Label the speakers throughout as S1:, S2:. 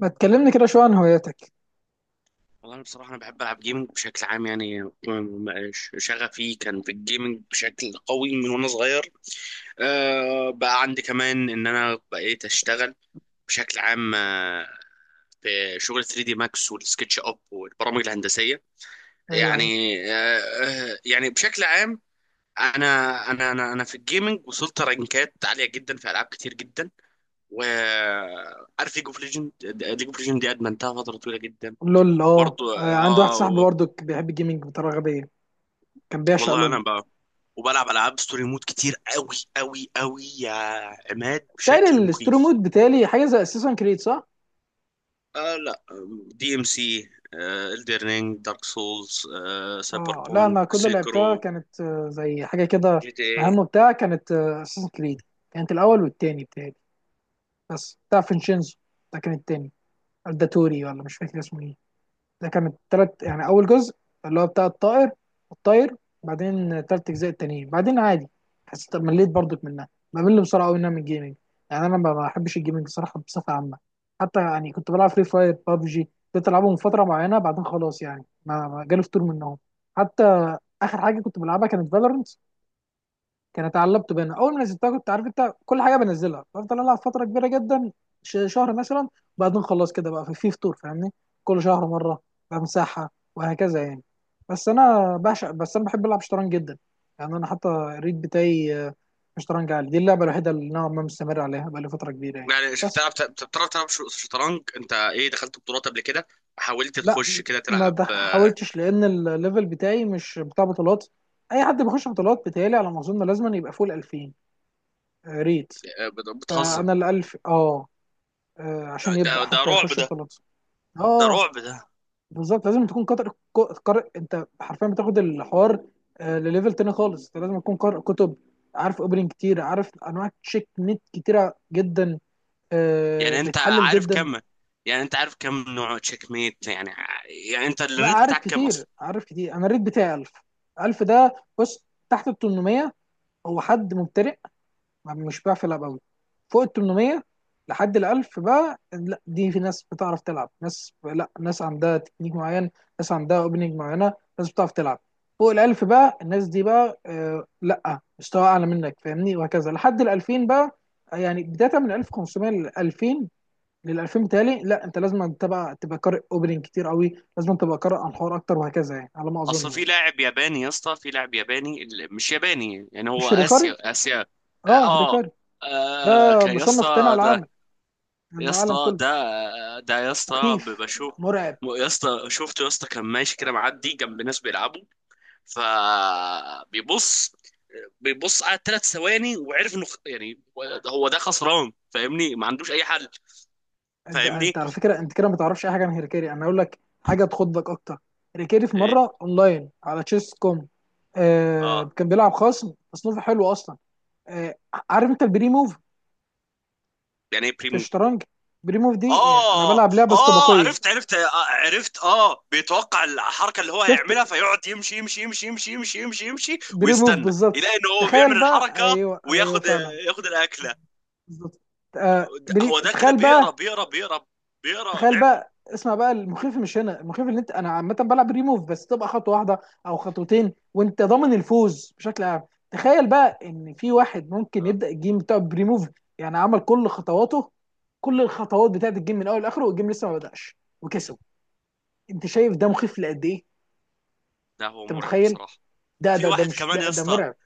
S1: ما تكلمني كده شويه عن هواياتك.
S2: والله أنا بصراحة أنا بحب ألعب جيمنج بشكل عام يعني شغفي كان في الجيمنج بشكل قوي من وأنا صغير. بقى عندي كمان إن أنا بقيت أشتغل بشكل عام، في شغل 3 دي ماكس والسكتش أب والبرامج الهندسية
S1: ايوه ايوه.
S2: يعني. أه آه، يعني بشكل عام، أنا أنا في الجيمنج وصلت رانكات عالية جدا في ألعاب كتير جدا. وعارف ليج اوف ليجند، ليج اوف ليجند دي ادمنتها فتره طويله جدا.
S1: لول.
S2: برضه
S1: عندي واحد صاحبي
S2: اه.
S1: برضه بيحب الجيمنج بطريقه غبيه، كان بيعشق
S2: والله
S1: لول.
S2: انا بقى وبلعب العاب ستوري مود كتير قوي، قوي قوي يا عماد،
S1: بتهيألي
S2: بشكل
S1: الستوري
S2: مخيف.
S1: مود، بتهيألي حاجه زي اساسن كريد، صح؟
S2: آه لا، دي ام سي، الدرنينج، دارك سولز، سايبر
S1: اه لا،
S2: بونك،
S1: انا كل اللي لعبتها
S2: سيكرو،
S1: كانت زي حاجه كده
S2: جي تي اي.
S1: مهمه بتاع، كانت اساسن كريد. كانت الاول والتاني بتهيألي، بس بتاع فينشينزو ده كان التاني. الداتوري ولا مش فاكر اسمه ايه، ده كان التلات. يعني اول جزء اللي هو بتاع الطائر، الطاير. بعدين تلات اجزاء التانيين بعدين عادي. حسيت مليت برضك منها، بمل بسرعه قوي منها من الجيمنج. يعني انا ما بحبش الجيمنج صراحه بصفه عامه. حتى يعني كنت بلعب فري فاير، بابجي، كنت العبهم من فتره معينه، بعدين خلاص يعني ما جالي فتور منهم. حتى اخر حاجه كنت بلعبها كانت فالورنت، كانت على اللابتوب هنا اول ما نزلتها. كنت عارف انت كل حاجه بنزلها بفضل العب فتره كبيره جدا، شهر مثلا. وبعدين خلاص كده بقى في فطور، فاهمني. كل شهر مره بمسحها، وهكذا يعني. بس انا بعشق، بس انا بحب العب شطرنج جدا. يعني انا حتى الريت بتاعي شطرنج عالي. دي اللعبه الوحيده اللي نوعا ما مستمر عليها بقى لي فتره كبيره يعني.
S2: يعني شفت،
S1: بس
S2: بتعرف تلعب شطرنج، انت ايه؟ دخلت بطولات قبل كده؟ حاولت
S1: لا،
S2: تخش كده
S1: ما
S2: تلعب؟
S1: دخ- حاولتش لان الليفل بتاعي مش بتاع بطولات. اي حد بيخش بطولات بتهيألي على ما اظن لازم يبقى فوق ال 2000، ريت.
S2: آه، بتهزم.
S1: فانا ال 1000 اه، عشان
S2: ده
S1: يبدأ
S2: ده
S1: حتى
S2: رعب
S1: يخش
S2: ده،
S1: بطولات.
S2: ده
S1: اه
S2: رعب ده.
S1: بالظبط، لازم تكون قارئ. قارئ، انت حرفيا بتاخد الحوار لليفل تاني خالص. انت لازم تكون قارئ كتب، عارف اوبننج كتير، عارف انواع تشيك نت كتيره جدا،
S2: يعني انت
S1: بتحلل
S2: عارف
S1: جدا.
S2: كم يعني انت عارف كم نوع تشيك ميت يعني، يعني انت
S1: لا
S2: الريت
S1: عارف
S2: بتاعك كام
S1: كتير،
S2: اصلا؟
S1: عارف كتير. انا الريت بتاعي 1000. ده بص، تحت ال 800 هو حد مبتدئ، مش بيعرف يلعب قوي. فوق ال 800 لحد ال 1000 بقى لا، دي في ناس بتعرف تلعب، ناس لا ناس عندها تكنيك معين، ناس عندها اوبننج معينه، ناس بتعرف تلعب. فوق ال 1000 بقى الناس دي بقى آه لا، مستوى اعلى منك، فاهمني، وهكذا لحد ال 2000 بقى. يعني بدايه من 1500 ل 2000، لل 2000 بتالي لا، انت لازم تبقى قارئ اوبننج كتير قوي، لازم تبقى قارئ عن الحوار اكتر، وهكذا يعني على ما اظن
S2: اصل في
S1: يعني.
S2: لاعب ياباني يا اسطى، في لاعب ياباني، مش ياباني يعني، هو
S1: مش هيريكاري.
S2: اسيا اسيا. اه
S1: اه
S2: اه،
S1: هيريكاري، ده
S2: كان يا
S1: مصنف تاني
S2: اسطى
S1: على العالم،
S2: ده،
S1: يعني
S2: يا
S1: على العالم
S2: اسطى
S1: كله.
S2: ده، آه، ده يا اسطى
S1: مخيف،
S2: بشوف.
S1: مرعب.
S2: يا اسطى شفته يا اسطى، كان ماشي كده معدي جنب ناس بيلعبوا، فبيبص، على ثلاث ثواني وعرف انه يعني هو ده خسران، فاهمني، ما عندوش اي حل.
S1: انت
S2: فاهمني،
S1: انت على فكره انت كده ما تعرفش اي حاجه عن هيركيري، انا اقول لك حاجه تخضك اكتر. هيركيري في
S2: إيه،
S1: مره اونلاين على تشيس كوم، آه
S2: اه.
S1: كان بيلعب خصم تصنيفه حلو اصلا. آه، عارف انت البري موف
S2: يعني ايه
S1: في
S2: بريمو؟
S1: الشطرنج؟ بري موف دي يعني انا
S2: اه،
S1: بلعب لعبه
S2: اه،
S1: استباقيه.
S2: عرفت، عرفت، بيتوقع الحركه اللي هو
S1: شفت،
S2: هيعملها، فيقعد يمشي يمشي يمشي يمشي يمشي يمشي يمشي
S1: بري موف
S2: ويستنى
S1: بالظبط.
S2: يلاقي ان هو بيعمل
S1: تخيل بقى،
S2: الحركه
S1: ايوه ايوه
S2: وياخد،
S1: فعلا،
S2: ياخد الاكله.
S1: بالظبط.
S2: هو ده كده
S1: تخيل بقى.
S2: بيقرا
S1: تخيل
S2: لعبه.
S1: بقى، اسمع بقى، المخيف مش هنا. المخيف اللي انت، انا عامه بلعب ريموف بس تبقى خطوه واحده او خطوتين وانت ضامن الفوز بشكل عام. تخيل بقى ان في واحد ممكن
S2: اه
S1: يبدا الجيم بتاعه بريموف، يعني عمل كل خطواته، كل الخطوات بتاعت الجيم من اول لاخره والجيم لسه ما بداش وكسب. انت شايف ده مخيف لقد ايه؟
S2: ده هو
S1: انت
S2: مرعب
S1: متخيل.
S2: بصراحه.
S1: ده
S2: في
S1: ده ده
S2: واحد
S1: مش
S2: كمان
S1: ده
S2: يا
S1: ده
S2: اسطى،
S1: مرعب.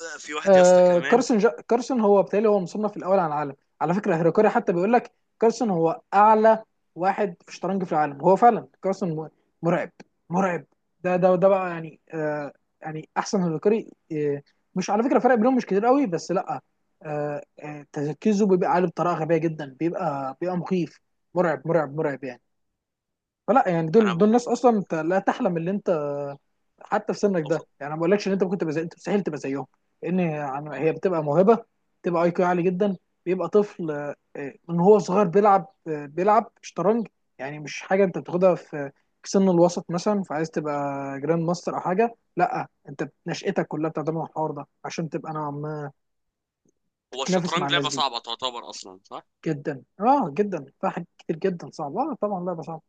S2: في واحد يا اسطى
S1: آه
S2: كمان.
S1: كارسون هو بالتالي هو مصنف الاول على العالم. على فكره هيركاري حتى بيقول لك كارسون هو اعلى واحد في الشطرنج في العالم، هو فعلا كارسون مرعب، مرعب. ده بقى يعني آه، يعني احسن هيركاري آه. مش على فكره فرق بينهم مش كتير قوي بس لا. آه تركيزه بيبقى عالي بطريقه غبيه جدا، بيبقى مخيف، مرعب مرعب مرعب يعني. فلا يعني
S2: انا
S1: دول
S2: ب...
S1: دول ناس اصلا انت لا تحلم ان انت حتى في سنك ده يعني. ما بقولكش ان انت ممكن تبقى زي، انت مستحيل تبقى زيهم، لان يعني هي بتبقى موهبه، بتبقى اي كيو عالي جدا. بيبقى طفل من هو صغير بيلعب، بيلعب شطرنج. يعني مش حاجه انت بتاخدها في سن الوسط مثلا، فعايز تبقى جراند ماستر او حاجه، لا انت نشأتك كلها بتعتمد على الحوار ده عشان تبقى نوعا ما
S2: هو
S1: تتنافس مع
S2: الشطرنج
S1: الناس
S2: لعبه
S1: دي.
S2: صعبه تعتبر اصلا، صح؟
S1: جدا اه جدا، فيها حاجات كتير جدا صعبه، اه طبعا لعبه صعبه.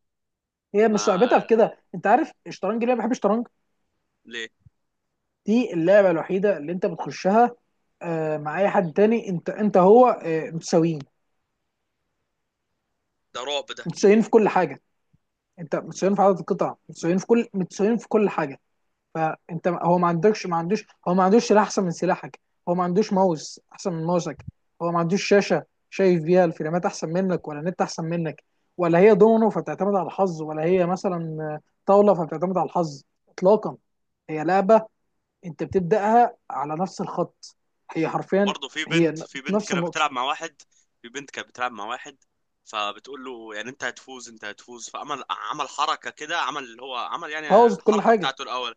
S1: هي مش
S2: ما
S1: صعوبتها في كده، انت عارف الشطرنج ليه أنا بحب الشطرنج؟
S2: ليه؟
S1: دي اللعبه الوحيده اللي انت بتخشها مع اي حد تاني. انت هو متساويين،
S2: ده رعب ده.
S1: متساويين في كل حاجه. انت متساويين في عدد القطع، متساويين في كل، متساويين في كل حاجه. فانت هو ما عندوش، هو ما عندوش سلاح احسن من سلاحك، هو ما عندوش ماوس احسن من ماوسك، هو ما عندوش شاشه شايف بيها الفريمات احسن منك، ولا نت احسن منك، ولا هي دومينو فبتعتمد على الحظ، ولا هي مثلا طاوله فبتعتمد على الحظ، اطلاقا. هي لعبه انت بتبداها على نفس الخط، هي حرفيا،
S2: برضه
S1: هي
S2: في بنت
S1: نفس
S2: كانت
S1: النقطه،
S2: بتلعب مع واحد، في بنت كانت بتلعب مع واحد، فبتقول له يعني انت هتفوز، انت هتفوز. فعمل، عمل حركه كده، عمل اللي هو عمل، يعني
S1: بوظت كل
S2: الحركه
S1: حاجه.
S2: بتاعته الاول.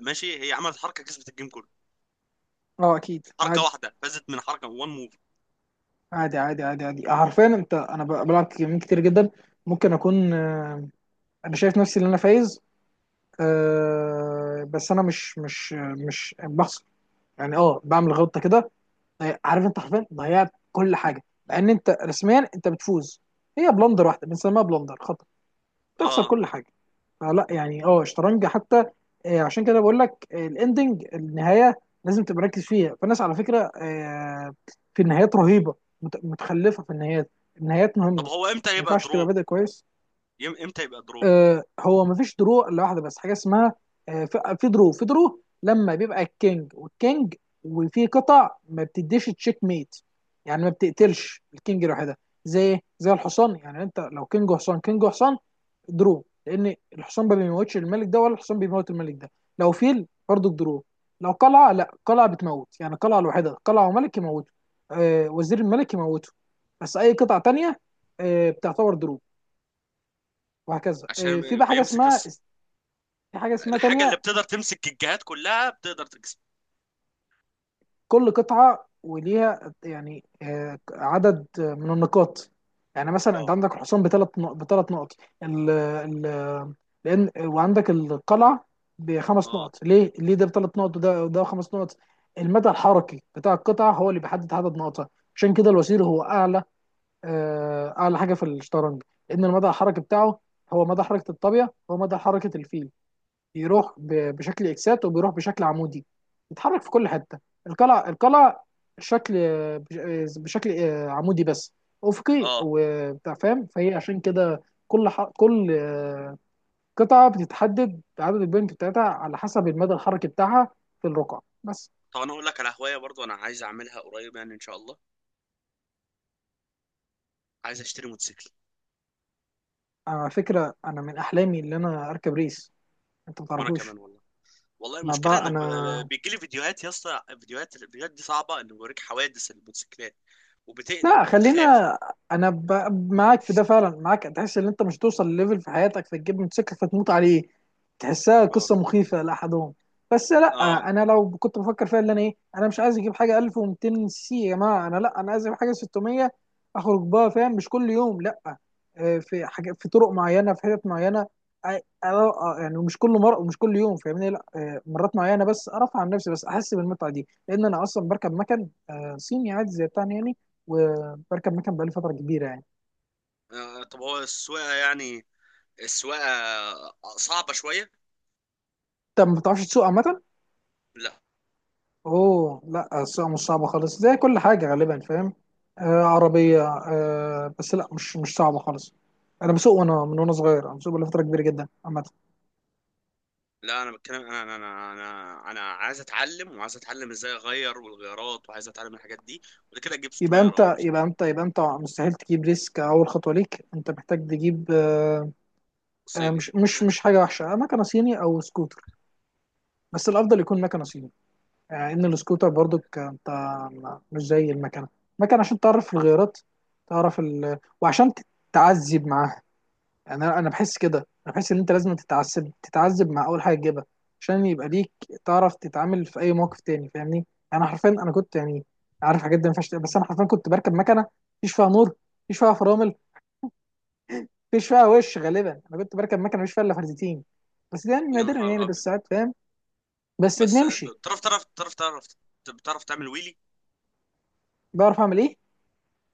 S2: ماشي، هي عملت حركه كسبت الجيم كله،
S1: اه اكيد.
S2: حركه
S1: عادي
S2: واحده فازت من حركه، وان موف.
S1: عادي عادي عادي عادي حرفيا انت، انا بلعب جيمين كتير جدا، ممكن اكون انا شايف نفسي ان انا فايز بس انا مش مش بخسر، يعني اه بعمل غلطه كده. عارف انت حرفيا ضيعت كل حاجه، لان انت رسميا انت بتفوز. هي بلندر واحده، بنسميها بلندر خطا، تخسر
S2: اه.
S1: كل حاجه. فلا يعني اه الشطرنج حتى عشان كده بقول لك الاندنج، النهايه لازم تبقى مركز فيها. فالناس على فكره في النهايات رهيبه، متخلفه في النهايات. النهايات مهمه،
S2: طب
S1: ما
S2: هو امتى يبقى
S1: ينفعش تبقى
S2: درو؟
S1: بادئ كويس.
S2: امتى يبقى درو؟
S1: هو ما فيش درو الا واحده بس حاجه اسمها، في درو، في درو لما بيبقى الكينج والكينج وفي قطع ما بتديش تشيك ميت، يعني ما بتقتلش الكينج لوحدها. زي الحصان، يعني انت لو كينج وحصان، كينج وحصان، درو، لان الحصان ما بيموتش الملك ده، ولا الحصان بيموت الملك ده. لو فيل برضو درو. لو قلعه، لا قلعه بتموت، يعني قلعه الوحيده، قلعه وملك يموته، آه وزير الملك يموته، بس اي قطعه تانية آه بتعتبر درو. وهكذا آه، في
S2: عشان
S1: بقى حاجه
S2: بيمسك
S1: اسمها،
S2: الص...
S1: في حاجه اسمها
S2: الحاجه اللي
S1: تانية.
S2: بتقدر تمسك الجهات كلها بتقدر تكسب.
S1: كل قطعة وليها يعني عدد من النقاط. يعني مثلا انت
S2: اه
S1: عندك الحصان بثلاث نقط، ال ال لان وعندك القلعة بخمس
S2: اه
S1: نقط. ليه؟ ليه ده بثلاث نقط وده خمس نقط؟ المدى الحركي بتاع القطعة هو اللي بيحدد عدد نقطها. عشان كده الوزير هو اعلى، اعلى حاجة في الشطرنج، لان المدى الحركي بتاعه هو مدى حركة الطابية، هو مدى حركة الفيل. بيروح بشكل اكسات، وبيروح بشكل عمودي، بيتحرك في كل حته. القلع القلع شكل بشكل عمودي بس، افقي
S2: اه.
S1: وبتاع، فاهم؟ فهي عشان كده كل ح... كل آه، قطعه بتتحدد عدد البوينت بتاعتها على حسب المدى الحركي بتاعها في الرقعه بس.
S2: طب انا اقول لك على هوايه برضو، انا عايز اعملها قريب يعني ان شاء الله، عايز اشتري موتوسيكل.
S1: على فكره انا من احلامي ان انا اركب ريس، انت ما
S2: وانا
S1: تعرفوش.
S2: كمان والله. والله
S1: انا
S2: المشكله
S1: بقى
S2: انك
S1: انا
S2: بيجي لي فيديوهات يا اسطى، فيديوهات، الفيديوهات دي صعبه، انه بيوريك حوادث الموتوسيكلات، وبتقلق
S1: لا
S2: او
S1: خلينا،
S2: بتخاف.
S1: انا ب... معاك في ده فعلا، معاك، تحس ان انت مش توصل لليفل في حياتك فتجيب موتوسيكل فتموت عليه، تحسها
S2: اه،
S1: قصه مخيفه لاحدهم. بس
S2: اه،
S1: لا، انا لو كنت بفكر فيها اللي انا ايه، انا مش عايز اجيب حاجه 1200 سي سي يا جماعه، انا لا انا عايز اجيب حاجه 600، اخرج بها، فاهم، مش كل يوم لا. في حاجه، في طرق معينه، في حتت معينه، آه، يعني مش كل مره ومش كل يوم، فاهمني لا. مرات معينه بس ارفع عن نفسي، بس احس بالمتعه دي، لان انا اصلا بركب مكن صيني عادي زي بتاعنا يعني، بركب مكان بقالي فتره كبيره يعني.
S2: طب هو السواقه يعني، السواقه صعبه شويه.
S1: طب ما بتعرفش تسوق عامه؟
S2: لا
S1: اوه لا، السواقه مش صعبه خالص، زي كل حاجه غالبا، فاهم؟ آه عربيه آه، بس لا مش صعبه خالص. انا بسوق وانا، من وانا صغير انا بسوق بقالي فتره كبيره جدا عامه.
S2: لا، انا بتكلم، انا انا انا انا أنا عايز اتعلم، وعايز اتعلم ازاي اغير والغيارات، وعايز اتعلم الحاجات دي، وبعد كده اجيب
S1: يبقى
S2: 600 ار ار
S1: انت يبقى انت يبقى انت مستحيل تجيب ريسك، اول خطوه ليك انت محتاج تجيب آه، آه
S2: صيني.
S1: مش حاجه وحشه، مكنه صيني او سكوتر، بس الافضل يكون مكنه صيني. ان السكوتر برضو انت مش زي المكنه، المكنه عشان تعرف الغيارات، تعرف وعشان تتعذب معاها. يعني انا بحس كده، انا بحس ان انت لازم تتعذب مع اول حاجه تجيبها عشان يبقى ليك، تعرف تتعامل في اي موقف تاني، فاهمني يعني. انا حرفيا كنت يعني، عارف حاجات دي ما ينفعش تقول، بس انا حرفيا كنت بركب مكنه مفيش فيها نور، مفيش فيها فرامل، مفيش فيها وش غالبا. انا كنت بركب مكنه مفيش فيها الا فردتين، بس ده يعني
S2: يا
S1: نادرا يعني،
S2: نهار
S1: بس
S2: ابيض.
S1: ساعات، فاهم؟ بس
S2: بس
S1: بنمشي.
S2: بتعرف، تعرف تعرف تعرف بتعرف تعمل ويلي؟
S1: بعرف اعمل ايه؟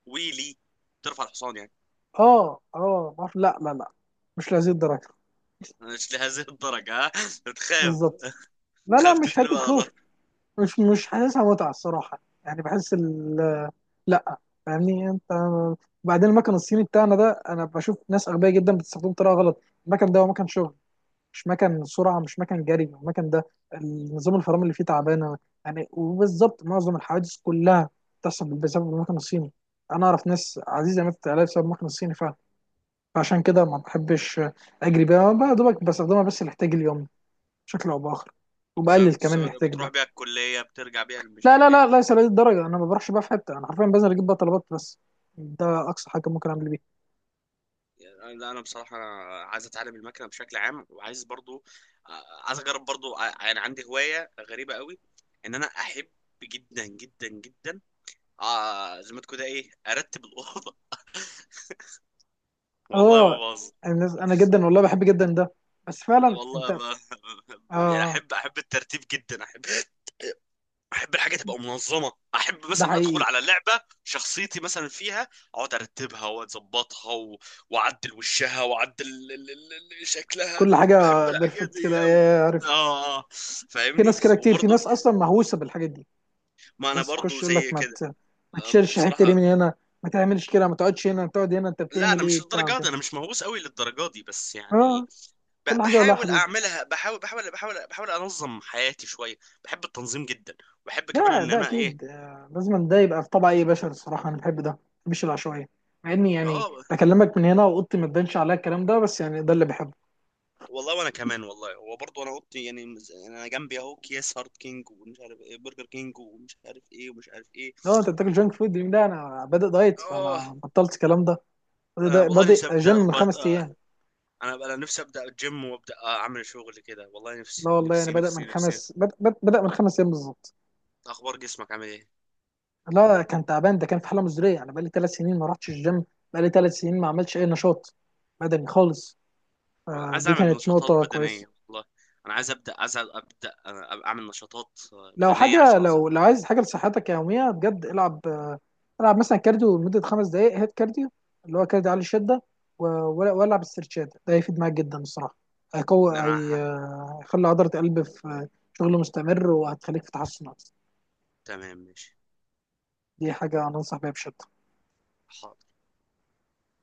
S2: ويلي، بترفع الحصان يعني؟
S1: لا، مش لهذه الدرجه.
S2: مش لهذه الدرجة ها؟ بتخاف؟
S1: بالظبط، لا لا،
S2: تخاف
S1: مش
S2: تتقلب
S1: حته
S2: على
S1: خوف،
S2: ظهرك؟
S1: مش حاسسها متعه الصراحه، يعني بحس ال لا فاهمني انت. بعدين المكن الصيني بتاعنا ده، انا بشوف ناس اغبياء جدا بتستخدمه بطريقه غلط. المكن ده هو مكن شغل، مش مكن سرعه، مش مكن جري. المكن ده النظام الفرامل اللي فيه تعبانه، يعني وبالظبط معظم الحوادث كلها بتحصل بسبب المكن الصيني. انا اعرف ناس عزيزه ماتت عليها بسبب المكن الصيني فعلا. فعشان كده ما بحبش اجري بيها بقى، يا دوبك بستخدمها بس لاحتياج اليوم بشكل او باخر،
S2: يعني
S1: وبقلل كمان
S2: بتسافر،
S1: الاحتياج
S2: بتروح
S1: ده.
S2: بيها الكلية، بترجع بيها، مش
S1: لا
S2: عارف
S1: لا
S2: ايه؟
S1: لا ليس لهذه الدرجه، انا ما بروحش بقى في حته، انا حرفيا بنزل اجيب بقى طلبات بس، ده اقصى حاجه ممكن اعمل بيها.
S2: يعني لا، انا بصراحة أنا عايز اتعلم المكنة بشكل عام، وعايز برضو، عايز اجرب برضو، يعني عندي هواية غريبة قوي، ان انا احب جدا جدا جدا، زي ما تكون ايه، ارتب الأوضة. والله ما
S1: اه.
S2: بهزر.
S1: انا جدا والله بحب جدا ده، بس فعلا
S2: والله
S1: انت،
S2: ما يعني
S1: اه
S2: احب الترتيب جدا، احب الحاجه تبقى منظمه، احب
S1: ده
S2: مثلا ادخل
S1: حقيقي.
S2: على لعبه شخصيتي مثلا فيها، اقعد ارتبها واظبطها واعدل وشها، واعدل شكلها.
S1: كل
S2: بحب
S1: حاجه
S2: الحاجات
S1: بيرفكت
S2: دي
S1: كده،
S2: قوي.
S1: يا
S2: اه،
S1: عارف،
S2: آه. آه.
S1: في
S2: فاهمني.
S1: ناس كده كتير، في
S2: وبرضه،
S1: ناس اصلا مهووسه بالحاجات دي،
S2: ما انا
S1: بس
S2: برضه
S1: تخش يقول لك
S2: زي كده.
S1: ما تشيلش حته دي
S2: بصراحه،
S1: من هنا، ما تعملش كده، ما تقعدش هنا، تقعد هنا، انت
S2: لا
S1: بتعمل
S2: انا
S1: ايه
S2: مش
S1: بتاع
S2: للدرجه دي،
S1: كده؟
S2: انا مش مهووس قوي للدرجه دي، بس يعني
S1: اه، كل حاجه ولها
S2: بحاول
S1: حدود.
S2: اعملها، بحاول انظم حياتي شويه. بحب التنظيم جدا. وبحب كمان
S1: ده
S2: ان
S1: ده
S2: انا ايه.
S1: اكيد لازم ده يبقى في طبع اي بشر. الصراحه انا بحب ده، ما بحبش العشوائيه، مع اني يعني
S2: اه
S1: بكلمك من هنا واوضتي ما تبانش عليا الكلام ده، بس يعني ده اللي بحبه.
S2: والله، وانا كمان والله، هو برضه انا اوضتي يعني، انا جنبي اهو اكياس هارت كينج ومش عارف ايه، برجر كينج، ومش عارف ايه، ومش عارف ايه.
S1: لو انت بتاكل جانك فود ده، انا بادئ دايت
S2: اه،
S1: فانا بطلت الكلام ده.
S2: انا والله
S1: بادئ
S2: نفسي
S1: جيم
S2: ابدا
S1: من
S2: بط...
S1: خمس
S2: آه.
S1: ايام
S2: انا نفسي ابدا الجيم، وابدا اعمل شغل كده. والله
S1: لا
S2: نفسي
S1: والله، يعني
S2: نفسي نفسي نفسي.
S1: بدأ من 5 ايام بالظبط.
S2: اخبار جسمك عامل ايه؟
S1: لا كان تعبان، ده كان في حاله مزريه. انا بقالي 3 سنين ما رحتش الجيم، بقالي 3 سنين ما عملتش اي نشاط بدني خالص.
S2: أنا عايز
S1: دي
S2: اعمل
S1: كانت
S2: نشاطات
S1: نقطه كويسه.
S2: بدنيه والله. انا عايز ابدا، عايز ابدا أنا اعمل نشاطات
S1: لو
S2: بدنيه
S1: حاجه،
S2: عشان أظهر.
S1: لو عايز حاجه لصحتك يوميه بجد، العب العب مثلا كارديو لمده 5 دقائق، هيت كارديو اللي هو كارديو عالي الشده، والعب استرتشات، ده هيفيد معاك جدا الصراحه.
S2: ان
S1: هيقوي
S2: انا ه-
S1: هيخلي عضله القلب في شغل مستمر، وهتخليك في تحسن أكتر.
S2: تمام ماشي
S1: دي حاجه انا انصح بيها بشده.
S2: ح-